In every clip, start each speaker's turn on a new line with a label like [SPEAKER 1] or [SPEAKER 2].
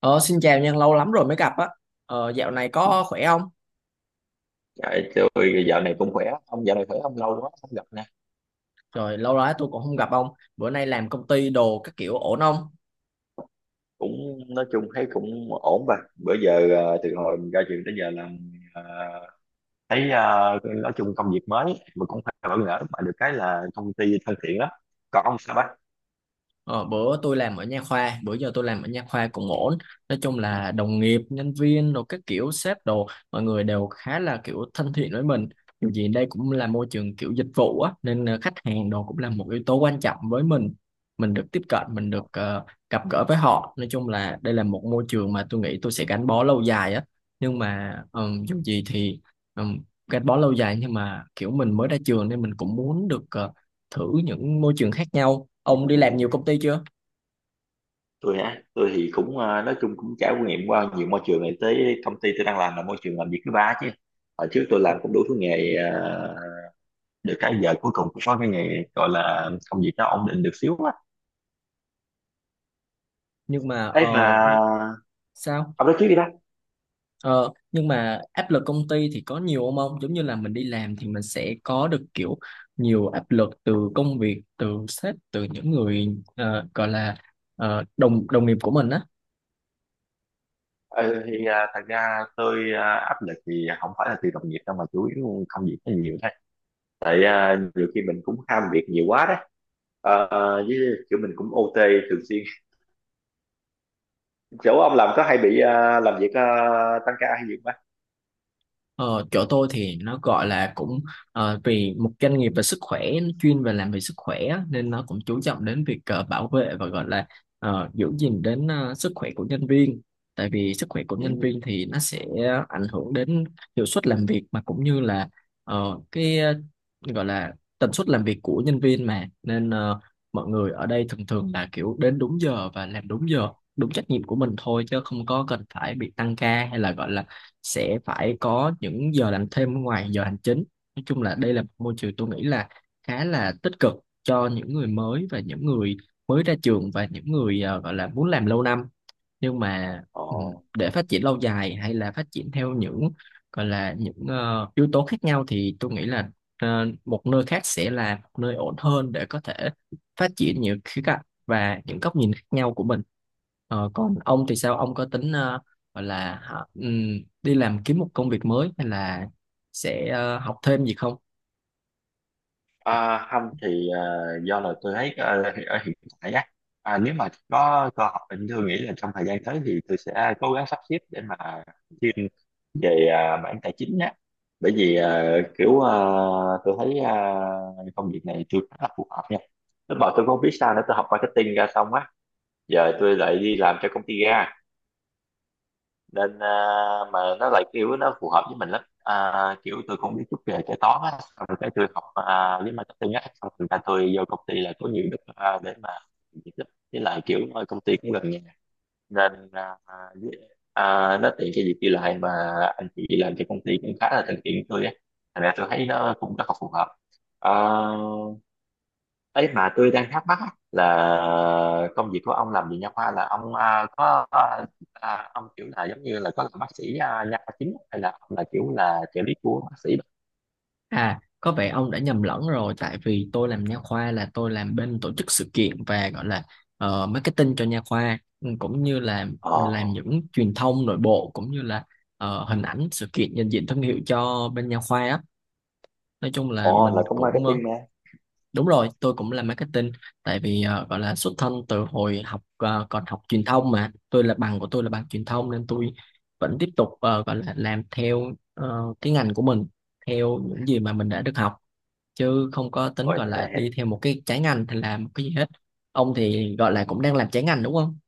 [SPEAKER 1] Ờ, xin chào Nhân, lâu lắm rồi mới gặp á. Ờ, dạo này có khỏe không?
[SPEAKER 2] Dạ, tôi dạo này cũng khỏe, ông dạo này khỏe không, lâu quá không gặp nè,
[SPEAKER 1] Trời, lâu lắm tôi cũng không gặp ông. Bữa nay làm công ty đồ các kiểu ổn không?
[SPEAKER 2] cũng nói chung thấy cũng ổn bà. Bữa giờ từ hồi mình ra trường tới giờ là ờ, thấy nói chung công việc mới mà cũng phải bỡ ngỡ, mà được cái là công ty thân thiện lắm. Còn ông sao bác?
[SPEAKER 1] Ờ, bữa tôi làm ở nha khoa bữa giờ tôi làm ở nha khoa cũng ổn, nói chung là đồng nghiệp nhân viên rồi các kiểu sếp đồ, mọi người đều khá là kiểu thân thiện với mình. Dù gì đây cũng là môi trường kiểu dịch vụ á, nên khách hàng đồ cũng là một yếu tố quan trọng với mình. Mình được tiếp cận, mình được gặp gỡ với họ. Nói chung là đây là một môi trường mà tôi nghĩ tôi sẽ gắn bó lâu dài á, nhưng mà dù gì thì ừm, gắn bó lâu dài nhưng mà kiểu mình mới ra trường nên mình cũng muốn được thử những môi trường khác nhau. Ông đi làm nhiều công ty chưa?
[SPEAKER 2] Tôi hả? Tôi thì cũng nói chung cũng trải nghiệm qua nhiều môi trường, này tới công ty tôi đang làm là môi trường làm việc thứ ba chứ. Hồi trước tôi làm cũng đủ thứ nghề, được cái giờ cuối cùng cũng có cái nghề gọi là công việc nó ổn định được xíu á.
[SPEAKER 1] Nhưng mà
[SPEAKER 2] Ấy mà
[SPEAKER 1] nó- sao?
[SPEAKER 2] ông nói trước đi bác.
[SPEAKER 1] Ờ, nhưng mà áp lực công ty thì có nhiều không ông? Giống như là mình đi làm thì mình sẽ có được kiểu nhiều áp lực từ công việc, từ sếp, từ những người gọi là đồng đồng nghiệp của mình á.
[SPEAKER 2] Ừ, thì thật ra tôi, áp lực thì không phải là từ đồng nghiệp đâu, mà chủ yếu công việc nó nhiều thôi, tại nhiều khi mình cũng ham việc nhiều quá đấy. Ờ, với kiểu mình cũng OT thường xuyên, chỗ ông làm có hay bị làm việc, tăng ca hay gì không bác?
[SPEAKER 1] Ờ, chỗ tôi thì nó gọi là cũng vì một doanh nghiệp về sức khỏe, nó chuyên về làm về sức khỏe á, nên nó cũng chú trọng đến việc bảo vệ và gọi là giữ gìn đến sức khỏe của nhân viên. Tại vì sức khỏe của nhân
[SPEAKER 2] Ừ.
[SPEAKER 1] viên thì nó sẽ ảnh hưởng đến hiệu suất làm việc, mà cũng như là cái gọi là tần suất làm việc của nhân viên mà, nên mọi người ở đây thường thường là kiểu đến đúng giờ và làm đúng giờ, đúng trách nhiệm của mình thôi, chứ không có cần phải bị tăng ca hay là gọi là sẽ phải có những giờ làm thêm ngoài giờ hành chính. Nói chung là đây là một môi trường tôi nghĩ là khá là tích cực cho những người mới và những người mới ra trường và những người gọi là muốn làm lâu năm, nhưng mà
[SPEAKER 2] Ồ.
[SPEAKER 1] để phát triển lâu dài hay là phát triển theo những gọi là những yếu tố khác nhau thì tôi nghĩ là một nơi khác sẽ là một nơi ổn hơn để có thể phát triển nhiều khía cạnh và những góc nhìn khác nhau của mình. Ờ, còn ông thì sao, ông có tính gọi là hả, đi làm kiếm một công việc mới hay là sẽ học thêm gì không?
[SPEAKER 2] À, không thì do là tôi thấy ở, ở hiện tại á, nếu mà có cơ hội thì tôi nghĩ là trong thời gian tới thì tôi sẽ cố gắng sắp xếp để mà chuyên về, mảng tài chính á. Bởi vì kiểu, tôi thấy, công việc này tôi khá là phù hợp nha. Lúc mà tôi không biết sao nữa, tôi học marketing ra xong á, giờ tôi lại đi làm cho công ty ga, nên mà nó lại kiểu nó phù hợp với mình lắm, kiểu tôi cũng biết chút về kế toán á, sau rồi cái tôi học, với marketing á, sau rồi ra tôi vô công ty là có nhiều đất, để mà việc lắm, với lại kiểu ở công ty cũng gần nhà nên với, nó tiện cho việc đi lại mà. Anh chị làm cho công ty cũng khá là thân thiện với tôi á, thành ra tôi thấy nó cũng rất là phù hợp. à, Ấy mà tôi đang thắc mắc á, là công việc của ông làm gì, nha khoa là ông có, ông kiểu là giống như là có làm bác sĩ, nha khoa chính, hay là ông là kiểu là trợ lý của bác sĩ?
[SPEAKER 1] À, có vẻ ông đã nhầm lẫn rồi, tại vì tôi làm nha khoa là tôi làm bên tổ chức sự kiện và gọi là marketing cho nha khoa, ừ, cũng như là
[SPEAKER 2] Ờ.
[SPEAKER 1] làm những truyền thông nội bộ cũng như là hình ảnh sự kiện, nhận diện thương hiệu cho bên nha khoa á. Nói chung là
[SPEAKER 2] Ồ, là
[SPEAKER 1] mình
[SPEAKER 2] cũng
[SPEAKER 1] cũng
[SPEAKER 2] marketing mà.
[SPEAKER 1] đúng rồi, tôi cũng làm marketing tại vì gọi là xuất thân từ hồi học còn học truyền thông, mà tôi là bằng của tôi là bằng truyền thông nên tôi vẫn tiếp tục gọi là làm theo cái ngành của mình, theo những gì mà mình đã được học, chứ không có tính
[SPEAKER 2] Ôi
[SPEAKER 1] gọi là đi
[SPEAKER 2] thế.
[SPEAKER 1] theo một cái trái ngành hay làm một cái gì hết. Ông thì gọi là cũng đang làm trái ngành đúng không?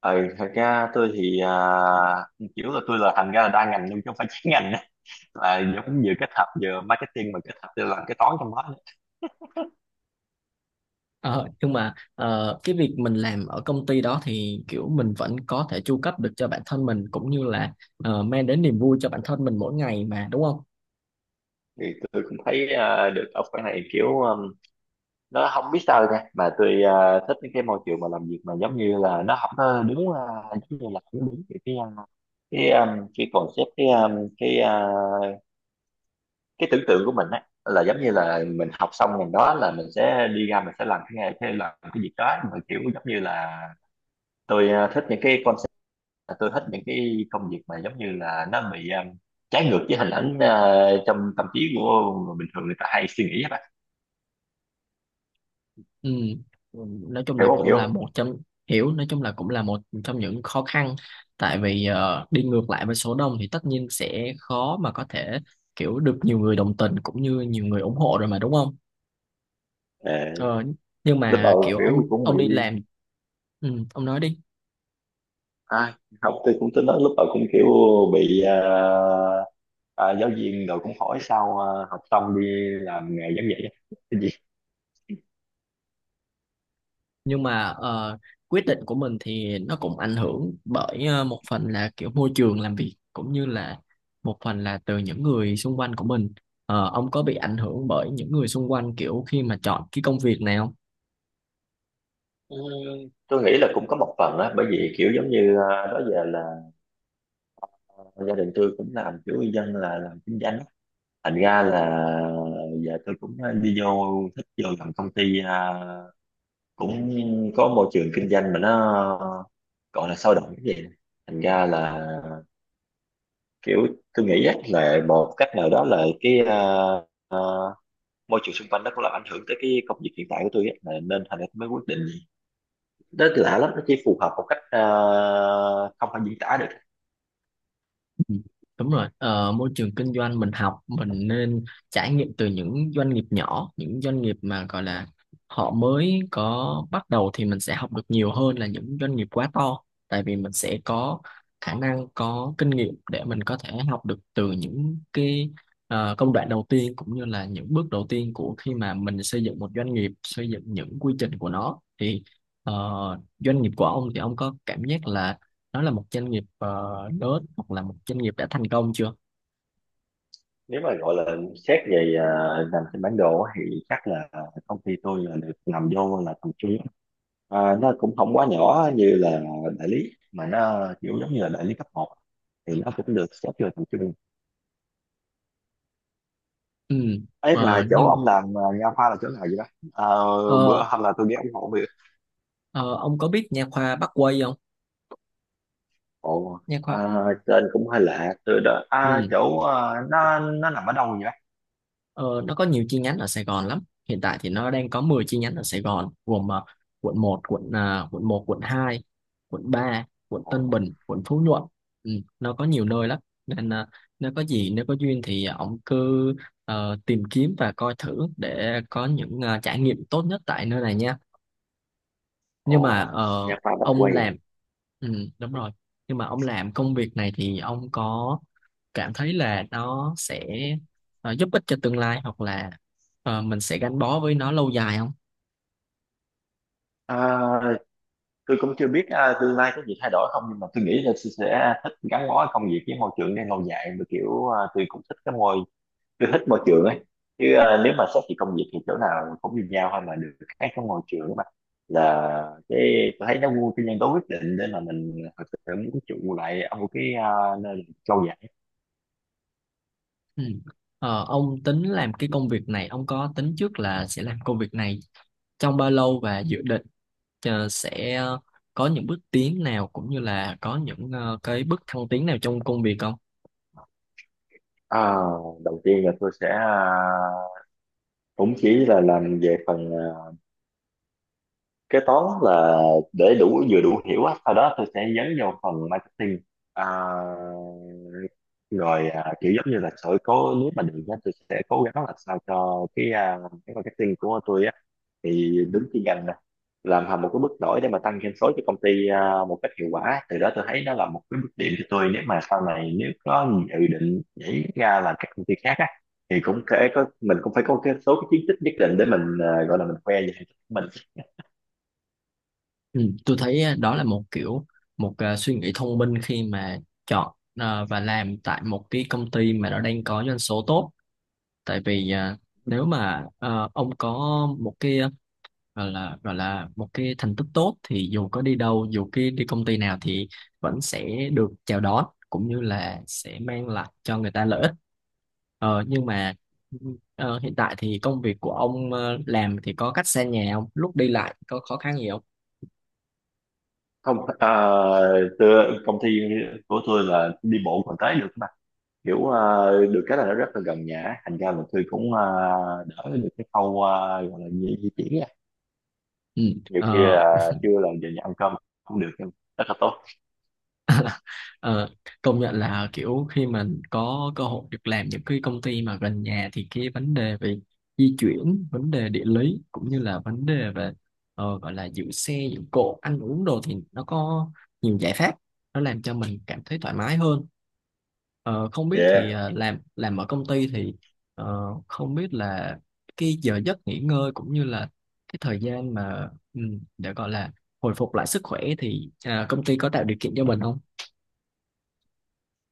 [SPEAKER 2] Ừ, thật ra tôi thì kiểu là tôi là thành ra là đa ngành, nhưng chứ không phải chuyên ngành á. Là nó cũng vừa kết hợp vừa marketing, mà kết hợp tôi làm cái toán trong đó nữa.
[SPEAKER 1] Ờ, nhưng mà cái việc mình làm ở công ty đó thì kiểu mình vẫn có thể chu cấp được cho bản thân mình cũng như là mang đến niềm vui cho bản thân mình mỗi ngày mà đúng không?
[SPEAKER 2] Thì tôi cũng thấy được ở cái này, kiểu nó không biết sao nha, mà tôi thích những cái môi trường mà làm việc mà giống như là nó không có đúng, giống như là không đúng cái cái, cái concept, cái, cái, cái tưởng tượng của mình á, là giống như là mình học xong ngành đó là mình sẽ đi ra mình sẽ làm cái làm cái việc đó, mà kiểu giống như là tôi thích những cái concept, là tôi thích những cái công việc mà giống như là nó bị, trái ngược với hình ảnh trong tâm trí của người bình thường người ta hay suy nghĩ á bạn,
[SPEAKER 1] Ừ. Nói chung
[SPEAKER 2] hiểu
[SPEAKER 1] là
[SPEAKER 2] không,
[SPEAKER 1] cũng
[SPEAKER 2] hiểu
[SPEAKER 1] là
[SPEAKER 2] không?
[SPEAKER 1] một trong, hiểu, nói chung là cũng là một trong những khó khăn, tại vì đi ngược lại với số đông thì tất nhiên sẽ khó mà có thể kiểu được nhiều người đồng tình cũng như nhiều người ủng hộ rồi mà đúng không?
[SPEAKER 2] Ờ,
[SPEAKER 1] Ờ, nhưng
[SPEAKER 2] lúc
[SPEAKER 1] mà
[SPEAKER 2] đầu
[SPEAKER 1] kiểu
[SPEAKER 2] kiểu
[SPEAKER 1] ông
[SPEAKER 2] cũng
[SPEAKER 1] ông
[SPEAKER 2] bị
[SPEAKER 1] đi làm, ừ, ông nói đi.
[SPEAKER 2] ai học thì cũng tính nói lúc đầu cũng kiểu bị giáo viên rồi cũng hỏi sao, học xong đi làm nghề giảng dạy cái gì.
[SPEAKER 1] Nhưng mà quyết định của mình thì nó cũng ảnh hưởng bởi một phần là kiểu môi trường làm việc cũng như là một phần là từ những người xung quanh của mình. Ờ, ông có bị ảnh hưởng bởi những người xung quanh kiểu khi mà chọn cái công việc này không?
[SPEAKER 2] Ừ, tôi nghĩ là cũng có một phần á, bởi vì kiểu giống như đó giờ là gia đình tôi cũng làm kiểu dân là làm kinh doanh á. Thành ra là giờ tôi cũng đi vô thích vô làm công ty, cũng có môi trường kinh doanh mà nó gọi là sôi động cái gì, thành ra là kiểu tôi nghĩ chắc là một cách nào đó là cái, à, môi trường xung quanh nó cũng làm ảnh hưởng tới cái công việc hiện tại của tôi á, là nên thành ra tôi mới quyết định đó. Tôi lạ lắm, nó chỉ phù hợp một cách không thể diễn tả được.
[SPEAKER 1] Ừ, đúng rồi, môi trường kinh doanh mình học mình nên trải nghiệm từ những doanh nghiệp nhỏ, những doanh nghiệp mà gọi là họ mới có bắt đầu thì mình sẽ học được nhiều hơn là những doanh nghiệp quá to. Tại vì mình sẽ có khả năng, có kinh nghiệm để mình có thể học được từ những cái công đoạn đầu tiên cũng như là những bước đầu tiên của khi mà mình xây dựng một doanh nghiệp, xây dựng những quy trình của nó thì ờ, doanh nghiệp của ông thì ông có cảm giác là nó là một doanh nghiệp lớn hoặc là một doanh nghiệp đã thành công chưa?
[SPEAKER 2] Nếu mà gọi là xét về, nằm trên bản đồ á, thì chắc là công ty tôi là được nằm vô là tầm trung. À, nó cũng không quá nhỏ như là đại lý, mà nó kiểu giống như là đại lý cấp một, thì nó cũng được xếp vô tầm trung.
[SPEAKER 1] Ừ.
[SPEAKER 2] Ấy mà
[SPEAKER 1] Ờ,
[SPEAKER 2] chỗ
[SPEAKER 1] nhưng
[SPEAKER 2] ông làm, nha khoa là chỗ nào vậy đó? Ờ, bữa
[SPEAKER 1] ờ,
[SPEAKER 2] hôm là tôi đi ông hộ việc.
[SPEAKER 1] ờ, ông có biết nha khoa Bắc Quây không?
[SPEAKER 2] Ồ,
[SPEAKER 1] Nha khoa,
[SPEAKER 2] tên cũng hơi lạ từ đó,
[SPEAKER 1] ừ.
[SPEAKER 2] chỗ, nó nằm ở đâu vậy?
[SPEAKER 1] Ờ, nó có nhiều chi nhánh ở Sài Gòn lắm. Hiện tại thì nó đang có 10 chi nhánh ở Sài Gòn, gồm quận một, quận quận 1, quận 2, quận 3, quận
[SPEAKER 2] Ồ.
[SPEAKER 1] Tân Bình, quận Phú Nhuận, ừ, nó có nhiều nơi lắm. Nên nếu có gì, nếu có duyên thì ông cứ tìm kiếm và coi thử để có những trải nghiệm tốt nhất tại nơi này nha. Nhưng mà
[SPEAKER 2] Ồ, nha khoa Bách
[SPEAKER 1] ông
[SPEAKER 2] Quang.
[SPEAKER 1] làm, ừ, đúng rồi. Nhưng mà ông làm công việc này thì ông có cảm thấy là nó sẽ giúp ích cho tương lai hoặc là mình sẽ gắn bó với nó lâu dài không?
[SPEAKER 2] À, tôi cũng chưa biết tương lai có gì thay đổi không, nhưng mà tôi nghĩ là tôi sẽ thích gắn bó công việc với môi trường này lâu dài, mà kiểu tôi cũng thích cái môi, tôi thích môi trường ấy. Chứ nếu mà xét về công việc thì chỗ nào cũng như nhau thôi, mà được khác cái môi trường mà, là cái tôi thấy nó vô cái nhân tố quyết định để mà mình thực sự muốn trụ lại ở một cái nơi mình trau dồi.
[SPEAKER 1] Ừ. Ờ, ông tính làm cái công việc này, ông có tính trước là sẽ làm công việc này trong bao lâu và dự định sẽ có những bước tiến nào cũng như là có những cái bước thăng tiến nào trong công việc không?
[SPEAKER 2] Ờ, đầu tiên là tôi sẽ cũng chỉ là làm về phần kế toán, là để đủ vừa đủ hiểu á, sau đó tôi sẽ dấn vào phần marketing. Ờ, rồi kiểu giống như là sẽ cố, nếu mà được á, tôi sẽ cố gắng là sao cho cái, cái marketing của tôi á, thì đứng chuyên ngành nè, làm hầm một cái bước nổi để mà tăng doanh số cho công ty, một cách hiệu quả, từ đó tôi thấy nó là một cái bước điểm cho tôi, nếu mà sau này nếu có dự định nhảy ra làm các công ty khác á, thì cũng thể có mình cũng phải có cái số cái chiến tích nhất định để mình, gọi là mình khoe về thành tích của mình.
[SPEAKER 1] Ừ, tôi thấy á, đó là một kiểu một à, suy nghĩ thông minh khi mà chọn à, và làm tại một cái công ty mà nó đang có doanh số tốt. Tại vì à, nếu mà à, ông có một cái à, gọi là một cái thành tích tốt thì dù có đi đâu, dù cái đi công ty nào thì vẫn sẽ được chào đón cũng như là sẽ mang lại cho người ta lợi ích. Ờ, nhưng mà hiện tại thì công việc của ông làm thì có cách xa nhà không? Lúc đi lại có khó khăn gì không?
[SPEAKER 2] Không, tôi, công ty của tôi là đi bộ còn tới được mà, kiểu được cái là nó rất là gần nhà, thành ra là tôi cũng đỡ được cái khâu, gọi là di di chuyển. Nhiều khi
[SPEAKER 1] Ừ.
[SPEAKER 2] là trưa là giờ nhà ăn cơm cũng được, nhưng rất là tốt.
[SPEAKER 1] Ờ, công nhận là kiểu khi mình có cơ hội được làm những cái công ty mà gần nhà thì cái vấn đề về di chuyển, vấn đề địa lý cũng như là vấn đề về gọi là giữ xe, giữ cộ, ăn uống đồ thì nó có nhiều giải pháp, nó làm cho mình cảm thấy thoải mái hơn. Ờ, không biết thì
[SPEAKER 2] Yeah.
[SPEAKER 1] làm ở công ty thì không biết là cái giờ giấc nghỉ ngơi cũng như là cái thời gian mà ừ, để gọi là hồi phục lại sức khỏe thì à, công ty có tạo điều kiện cho mình không?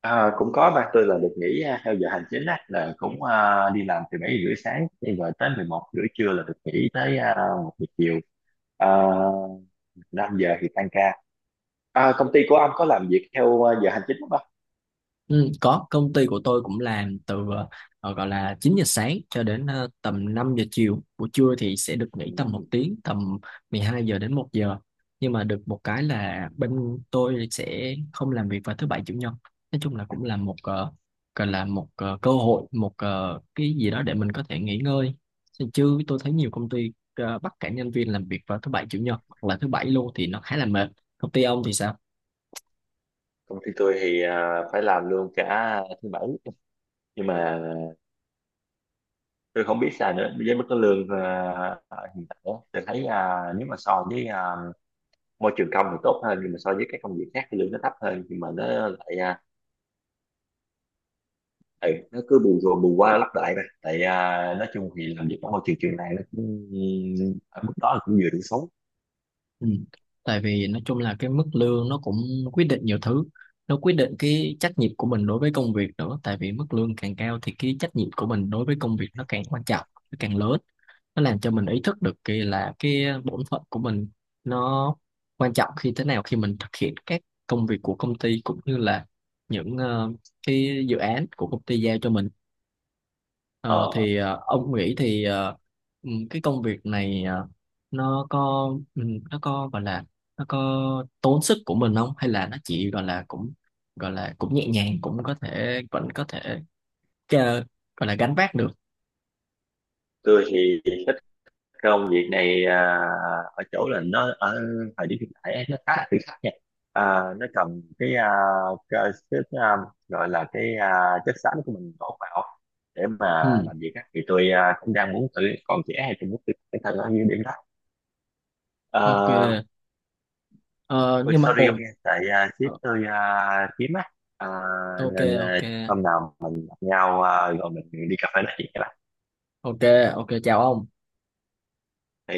[SPEAKER 2] À, cũng có ba, tôi là được nghỉ theo giờ hành chính á, là cũng đi làm từ bảy rưỡi sáng đi, rồi tới 11 rưỡi trưa là được nghỉ tới một giờ chiều, à, 5 giờ thì tan ca. À, công ty của ông có làm việc theo giờ hành chính không ạ?
[SPEAKER 1] Ừ, có, công ty của tôi cũng làm từ gọi là 9 giờ sáng cho đến tầm 5 giờ chiều, buổi trưa thì sẽ được nghỉ tầm một
[SPEAKER 2] Ừ.
[SPEAKER 1] tiếng, tầm 12 giờ đến một giờ. Nhưng mà được một cái là bên tôi sẽ không làm việc vào thứ bảy chủ nhật. Nói chung là cũng là một gọi là một cơ hội, một cái gì đó để mình có thể nghỉ ngơi, chứ tôi thấy nhiều công ty bắt cả nhân viên làm việc vào thứ bảy chủ nhật hoặc là thứ bảy luôn thì nó khá là mệt. Công ty ông thì sao?
[SPEAKER 2] Công ty tôi thì phải làm luôn cả thứ bảy, nhưng mà tôi không biết sao nữa. Với mức cái lương hiện tại á, tôi thấy nếu mà so với môi trường công thì tốt hơn, nhưng mà so với các công việc khác thì lương nó thấp hơn, nhưng mà nó lại, ừ, nó cứ bù rồi bù qua lấp lại mà, tại nói chung thì làm việc ở môi trường trường này nó cũng ở mức đó là cũng vừa đủ sống.
[SPEAKER 1] Ừ. Tại vì nói chung là cái mức lương nó cũng quyết định nhiều thứ, nó quyết định cái trách nhiệm của mình đối với công việc nữa, tại vì mức lương càng cao thì cái trách nhiệm của mình đối với công việc nó càng quan trọng, nó càng lớn, nó làm cho mình ý thức được cái là cái bổn phận của mình nó quan trọng khi thế nào khi mình thực hiện các công việc của công ty cũng như là những cái dự án của công ty giao cho mình. Ờ,
[SPEAKER 2] Ờ,
[SPEAKER 1] thì ông nghĩ thì ừ, cái công việc này nó có ừ, nó có gọi là nó có tốn sức của mình không, hay là nó chỉ gọi là cũng nhẹ nhàng cũng có thể vẫn có thể ờ, gọi là gánh vác được?
[SPEAKER 2] tôi thì thích công việc này ở chỗ là nó ở thời điểm hiện tại nó khá là thử thách nha. à, nó cần cái, cái gọi là cái, chất xám của mình đổ vào để mà
[SPEAKER 1] Ừ,
[SPEAKER 2] làm việc á, thì tôi cũng đang muốn tự còn trẻ hay tôi muốn tự bản thân ở những điểm đó.
[SPEAKER 1] ok.
[SPEAKER 2] Ờ.
[SPEAKER 1] Ờ,
[SPEAKER 2] Ôi
[SPEAKER 1] nhưng mà
[SPEAKER 2] sorry ông
[SPEAKER 1] ôi,
[SPEAKER 2] nha, tại sếp
[SPEAKER 1] ờ,
[SPEAKER 2] tôi kiếm á. À,
[SPEAKER 1] ok,
[SPEAKER 2] nên
[SPEAKER 1] ok,
[SPEAKER 2] chắc hôm nào mình gặp nhau, rồi mình đi cà phê nói chuyện các bạn.
[SPEAKER 1] ok. Ok, chào ông.
[SPEAKER 2] Thì